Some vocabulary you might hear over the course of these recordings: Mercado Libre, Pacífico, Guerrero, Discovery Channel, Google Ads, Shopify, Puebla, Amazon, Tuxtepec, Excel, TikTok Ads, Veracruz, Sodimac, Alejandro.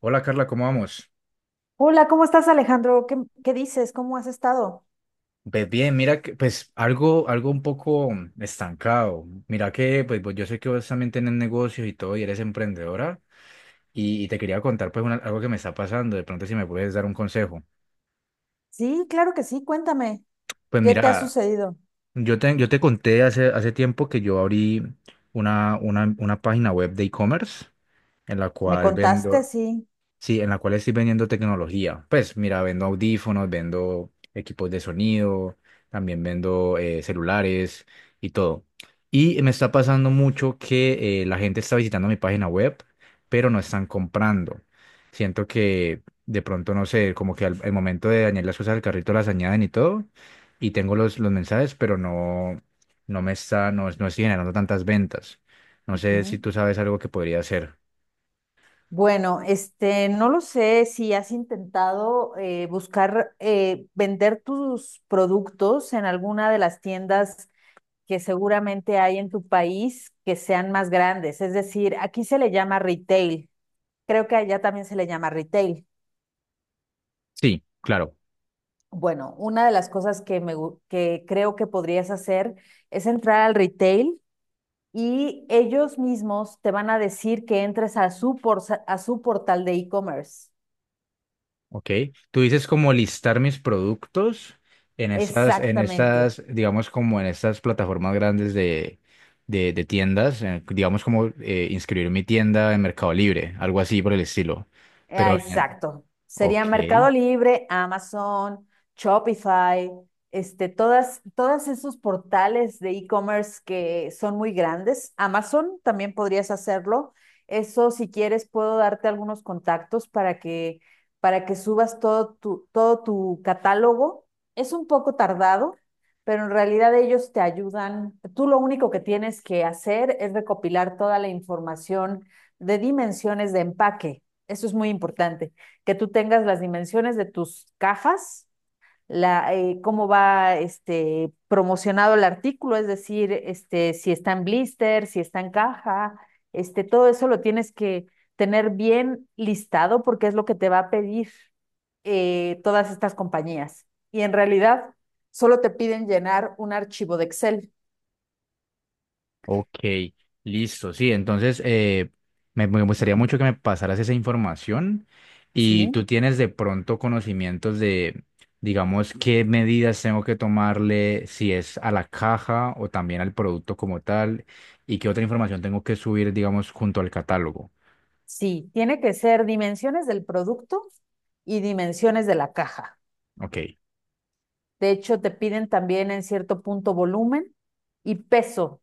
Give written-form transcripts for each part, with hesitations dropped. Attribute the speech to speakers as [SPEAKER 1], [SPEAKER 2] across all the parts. [SPEAKER 1] Hola Carla, ¿cómo vamos?
[SPEAKER 2] Hola, ¿cómo estás, Alejandro? ¿Qué dices? ¿Cómo has estado?
[SPEAKER 1] Pues bien, mira que pues algo un poco estancado. Mira que pues, yo sé que vos también tenés negocios y todo y eres emprendedora y te quería contar pues algo que me está pasando, de pronto si me puedes dar un consejo.
[SPEAKER 2] Sí, claro que sí, cuéntame,
[SPEAKER 1] Pues
[SPEAKER 2] ¿qué te ha
[SPEAKER 1] mira,
[SPEAKER 2] sucedido?
[SPEAKER 1] yo te conté hace tiempo que yo abrí una página web de e-commerce en la
[SPEAKER 2] ¿Me
[SPEAKER 1] cual
[SPEAKER 2] contaste?
[SPEAKER 1] vendo.
[SPEAKER 2] Sí.
[SPEAKER 1] Sí, en la cual estoy vendiendo tecnología. Pues mira, vendo audífonos, vendo equipos de sonido, también vendo celulares y todo. Y me está pasando mucho que la gente está visitando mi página web, pero no están comprando. Siento que de pronto, no sé, como que al momento de añadir las cosas al carrito las añaden y todo, y tengo los mensajes, pero no me está, no, no estoy generando tantas ventas. No sé si
[SPEAKER 2] Ujú.
[SPEAKER 1] tú sabes algo que podría hacer.
[SPEAKER 2] Bueno, no lo sé si has intentado buscar vender tus productos en alguna de las tiendas que seguramente hay en tu país que sean más grandes. Es decir, aquí se le llama retail. Creo que allá también se le llama retail.
[SPEAKER 1] Sí, claro.
[SPEAKER 2] Bueno, una de las cosas que, que creo que podrías hacer es entrar al retail y ellos mismos te van a decir que entres a a su portal de e-commerce.
[SPEAKER 1] Ok, tú dices como listar mis productos en
[SPEAKER 2] Exactamente.
[SPEAKER 1] estas, digamos como en estas plataformas grandes de tiendas, digamos como inscribir mi tienda en Mercado Libre, algo así por el estilo.
[SPEAKER 2] Ah,
[SPEAKER 1] Pero, en-
[SPEAKER 2] exacto. Sería
[SPEAKER 1] ok.
[SPEAKER 2] Mercado Libre, Amazon, Shopify, todos esos portales de e-commerce que son muy grandes. Amazon también podrías hacerlo. Eso, si quieres, puedo darte algunos contactos para que subas todo tu catálogo. Es un poco tardado, pero en realidad ellos te ayudan. Tú lo único que tienes que hacer es recopilar toda la información de dimensiones de empaque, eso es muy importante, que tú tengas las dimensiones de tus cajas, cómo va promocionado el artículo, es decir, si está en blister, si está en caja, todo eso lo tienes que tener bien listado porque es lo que te va a pedir, todas estas compañías. Y en realidad solo te piden llenar un archivo de Excel,
[SPEAKER 1] Ok, listo, sí, entonces me gustaría mucho que me pasaras esa información y tú
[SPEAKER 2] ¿sí?
[SPEAKER 1] tienes de pronto conocimientos de, digamos, qué medidas tengo que tomarle, si es a la caja o también al producto como tal, y qué otra información tengo que subir, digamos, junto al catálogo.
[SPEAKER 2] Sí, tiene que ser dimensiones del producto y dimensiones de la caja.
[SPEAKER 1] Ok.
[SPEAKER 2] De hecho, te piden también en cierto punto volumen y peso,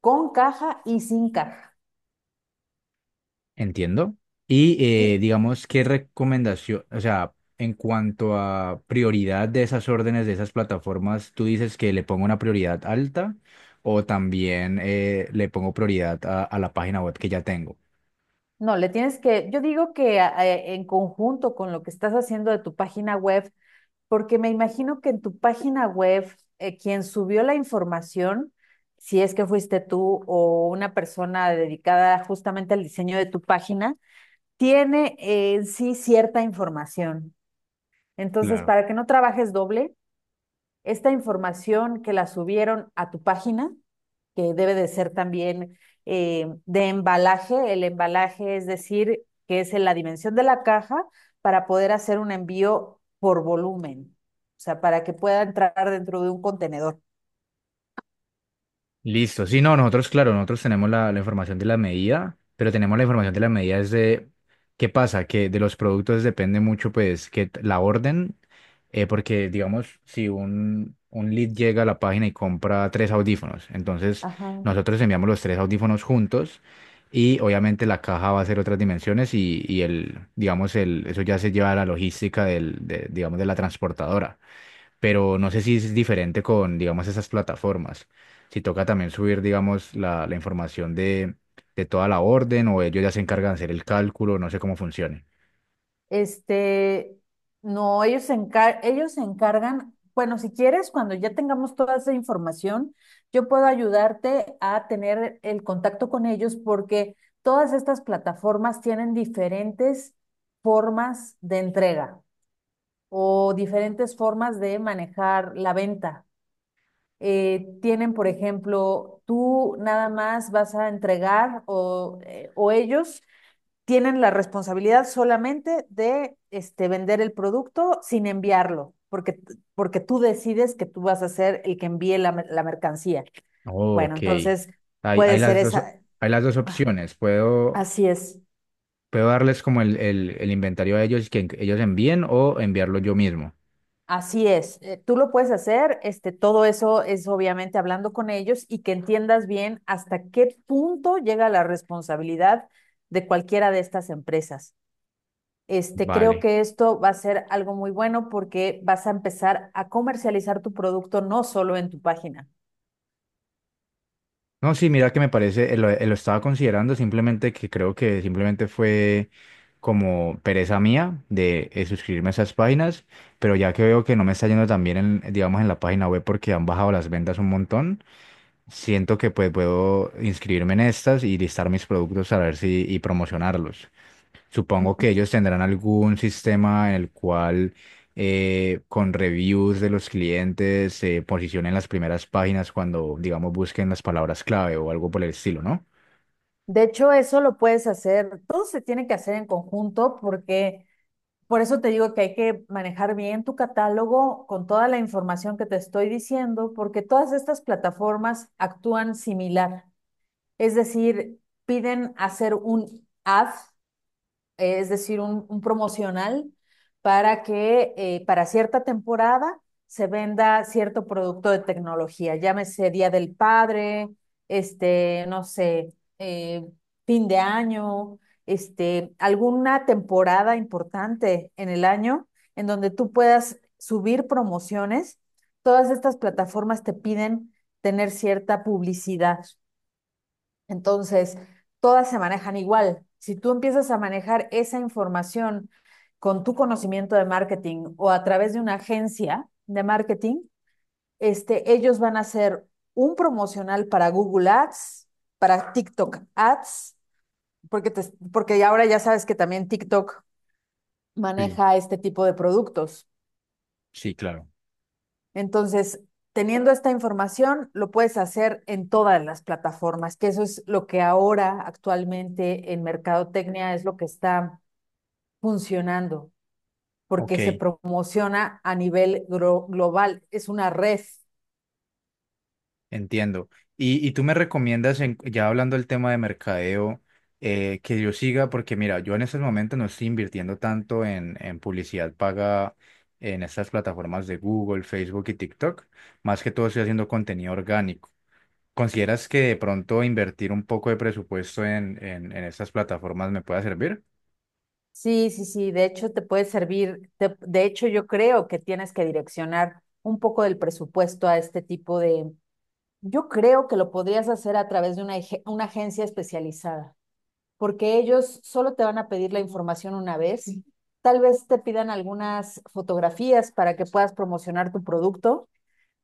[SPEAKER 2] con caja y sin caja.
[SPEAKER 1] Entiendo. Y
[SPEAKER 2] Y
[SPEAKER 1] digamos, ¿qué recomendación, o sea, en cuanto a prioridad de esas órdenes, de esas plataformas, tú dices que le pongo una prioridad alta o también le pongo prioridad a la página web que ya tengo?
[SPEAKER 2] no, le tienes que, yo digo que en conjunto con lo que estás haciendo de tu página web, porque me imagino que en tu página web, quien subió la información, si es que fuiste tú o una persona dedicada justamente al diseño de tu página, tiene en sí cierta información. Entonces, para que no trabajes doble, esta información que la subieron a tu página, que debe de ser también, de embalaje, el embalaje es decir, que es en la dimensión de la caja para poder hacer un envío por volumen, o sea, para que pueda entrar dentro de un contenedor.
[SPEAKER 1] Listo, sí, no, nosotros, claro, nosotros tenemos la información de la medida, pero tenemos la información de la medida es de, ¿qué pasa? Que de los productos depende mucho, pues, que la orden, porque, digamos, si un lead llega a la página y compra tres audífonos, entonces
[SPEAKER 2] Ajá.
[SPEAKER 1] nosotros enviamos los tres audífonos juntos y obviamente la caja va a ser otras dimensiones y el, digamos, el, eso ya se lleva a la logística digamos, de la transportadora, pero no sé si es diferente con, digamos, esas plataformas. Si toca también subir, digamos, la información de toda la orden o ellos ya se encargan de hacer el cálculo, no sé cómo funcione.
[SPEAKER 2] Este, no, ellos se encargan, bueno, si quieres, cuando ya tengamos toda esa información, yo puedo ayudarte a tener el contacto con ellos porque todas estas plataformas tienen diferentes formas de entrega o diferentes formas de manejar la venta. Tienen, por ejemplo, tú nada más vas a entregar o ellos tienen la responsabilidad solamente de vender el producto sin enviarlo, porque tú decides que tú vas a ser el que envíe la mercancía.
[SPEAKER 1] Oh,
[SPEAKER 2] Bueno,
[SPEAKER 1] ok.
[SPEAKER 2] entonces
[SPEAKER 1] Hay,
[SPEAKER 2] puede
[SPEAKER 1] hay
[SPEAKER 2] ser
[SPEAKER 1] las dos,
[SPEAKER 2] esa.
[SPEAKER 1] hay las dos
[SPEAKER 2] Ah,
[SPEAKER 1] opciones. Puedo,
[SPEAKER 2] así es,
[SPEAKER 1] puedo darles como el inventario a ellos que ellos envíen o enviarlo yo mismo.
[SPEAKER 2] así es. Tú lo puedes hacer, todo eso es obviamente hablando con ellos y que entiendas bien hasta qué punto llega la responsabilidad de cualquiera de estas empresas. Este, creo
[SPEAKER 1] Vale.
[SPEAKER 2] que esto va a ser algo muy bueno porque vas a empezar a comercializar tu producto no solo en tu página.
[SPEAKER 1] No, sí, mira que me parece, lo estaba considerando, simplemente que creo que simplemente fue como pereza mía de suscribirme a esas páginas, pero ya que veo que no me está yendo tan bien en, digamos, en la página web porque han bajado las ventas un montón, siento que pues puedo inscribirme en estas y listar mis productos a ver si y promocionarlos. Supongo que ellos tendrán algún sistema en el cual con reviews de los clientes se posicionen las primeras páginas cuando, digamos, busquen las palabras clave o algo por el estilo, ¿no?
[SPEAKER 2] De hecho, eso lo puedes hacer, todo se tiene que hacer en conjunto porque por eso te digo que hay que manejar bien tu catálogo con toda la información que te estoy diciendo, porque todas estas plataformas actúan similar. Es decir, piden hacer un ad, es decir, un promocional para que para cierta temporada se venda cierto producto de tecnología, llámese Día del Padre, no sé, fin de año, alguna temporada importante en el año en donde tú puedas subir promociones. Todas estas plataformas te piden tener cierta publicidad. Entonces, todas se manejan igual. Si tú empiezas a manejar esa información con tu conocimiento de marketing o a través de una agencia de marketing, ellos van a hacer un promocional para Google Ads, para TikTok Ads, porque ahora ya sabes que también TikTok
[SPEAKER 1] Sí,
[SPEAKER 2] maneja este tipo de productos.
[SPEAKER 1] sí, claro.
[SPEAKER 2] Entonces, teniendo esta información, lo puedes hacer en todas las plataformas, que eso es lo que ahora actualmente en mercadotecnia es lo que está funcionando,
[SPEAKER 1] Ok,
[SPEAKER 2] porque se promociona a nivel global, es una red.
[SPEAKER 1] entiendo. Y tú me recomiendas, ya hablando del tema de mercadeo, que yo siga, porque mira, yo en estos momentos no estoy invirtiendo tanto en publicidad paga en estas plataformas de Google, Facebook y TikTok. Más que todo estoy haciendo contenido orgánico. ¿Consideras que de pronto invertir un poco de presupuesto en estas plataformas me pueda servir?
[SPEAKER 2] Sí, sí, sí, de hecho te puede servir, de hecho yo creo que tienes que direccionar un poco del presupuesto a este tipo de, yo creo que lo podrías hacer a través de una agencia especializada, porque ellos solo te van a pedir la información una vez. Sí. Tal vez te pidan algunas fotografías para que puedas promocionar tu producto,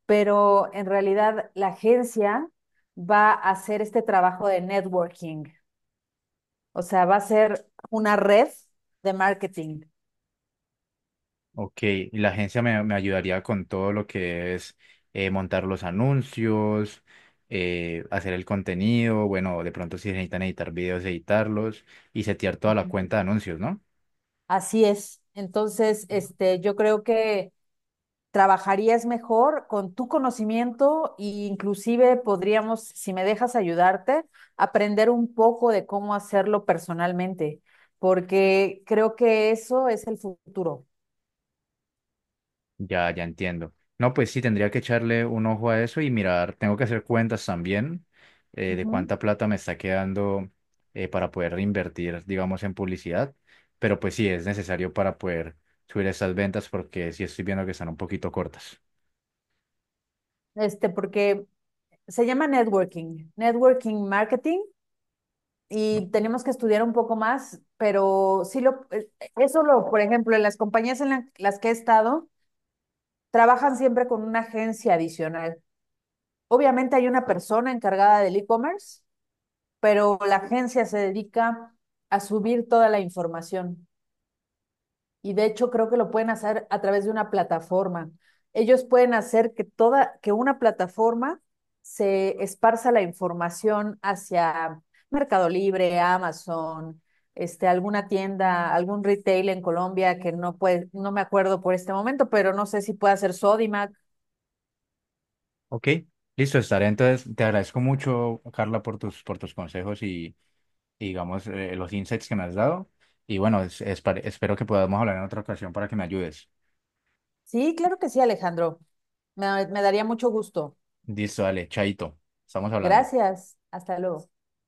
[SPEAKER 2] pero en realidad la agencia va a hacer este trabajo de networking, o sea, va a ser una red de marketing.
[SPEAKER 1] Ok, y la agencia me ayudaría con todo lo que es montar los anuncios, hacer el contenido, bueno, de pronto si necesitan editar videos, editarlos y setear toda la cuenta de anuncios, ¿no?
[SPEAKER 2] Así es. Entonces, yo creo que trabajarías mejor con tu conocimiento e inclusive podríamos, si me dejas ayudarte, aprender un poco de cómo hacerlo personalmente, porque creo que eso es el futuro.
[SPEAKER 1] Ya, ya entiendo. No, pues sí, tendría que echarle un ojo a eso y mirar, tengo que hacer cuentas también de
[SPEAKER 2] Ujú.
[SPEAKER 1] cuánta plata me está quedando, para poder invertir, digamos, en publicidad, pero pues sí, es necesario para poder subir esas ventas porque sí estoy viendo que están un poquito cortas.
[SPEAKER 2] Este, porque se llama networking, networking marketing, y tenemos que estudiar un poco más, pero sí eso lo, por ejemplo, en las compañías las que he estado, trabajan siempre con una agencia adicional. Obviamente hay una persona encargada del e-commerce, pero la agencia se dedica a subir toda la información y de hecho creo que lo pueden hacer a través de una plataforma. Ellos pueden hacer que que una plataforma se esparza la información hacia Mercado Libre, Amazon, alguna tienda, algún retail en Colombia que no puede, no me acuerdo por este momento, pero no sé si puede hacer Sodimac.
[SPEAKER 1] Ok, listo, estaré. Entonces, te agradezco mucho, Carla, por por tus consejos digamos, los insights que me has dado. Y bueno, espero que podamos hablar en otra ocasión para que me ayudes.
[SPEAKER 2] Sí, claro que sí, Alejandro. Me daría mucho gusto.
[SPEAKER 1] Listo, dale, chaito, estamos hablando.
[SPEAKER 2] Gracias. Hasta luego.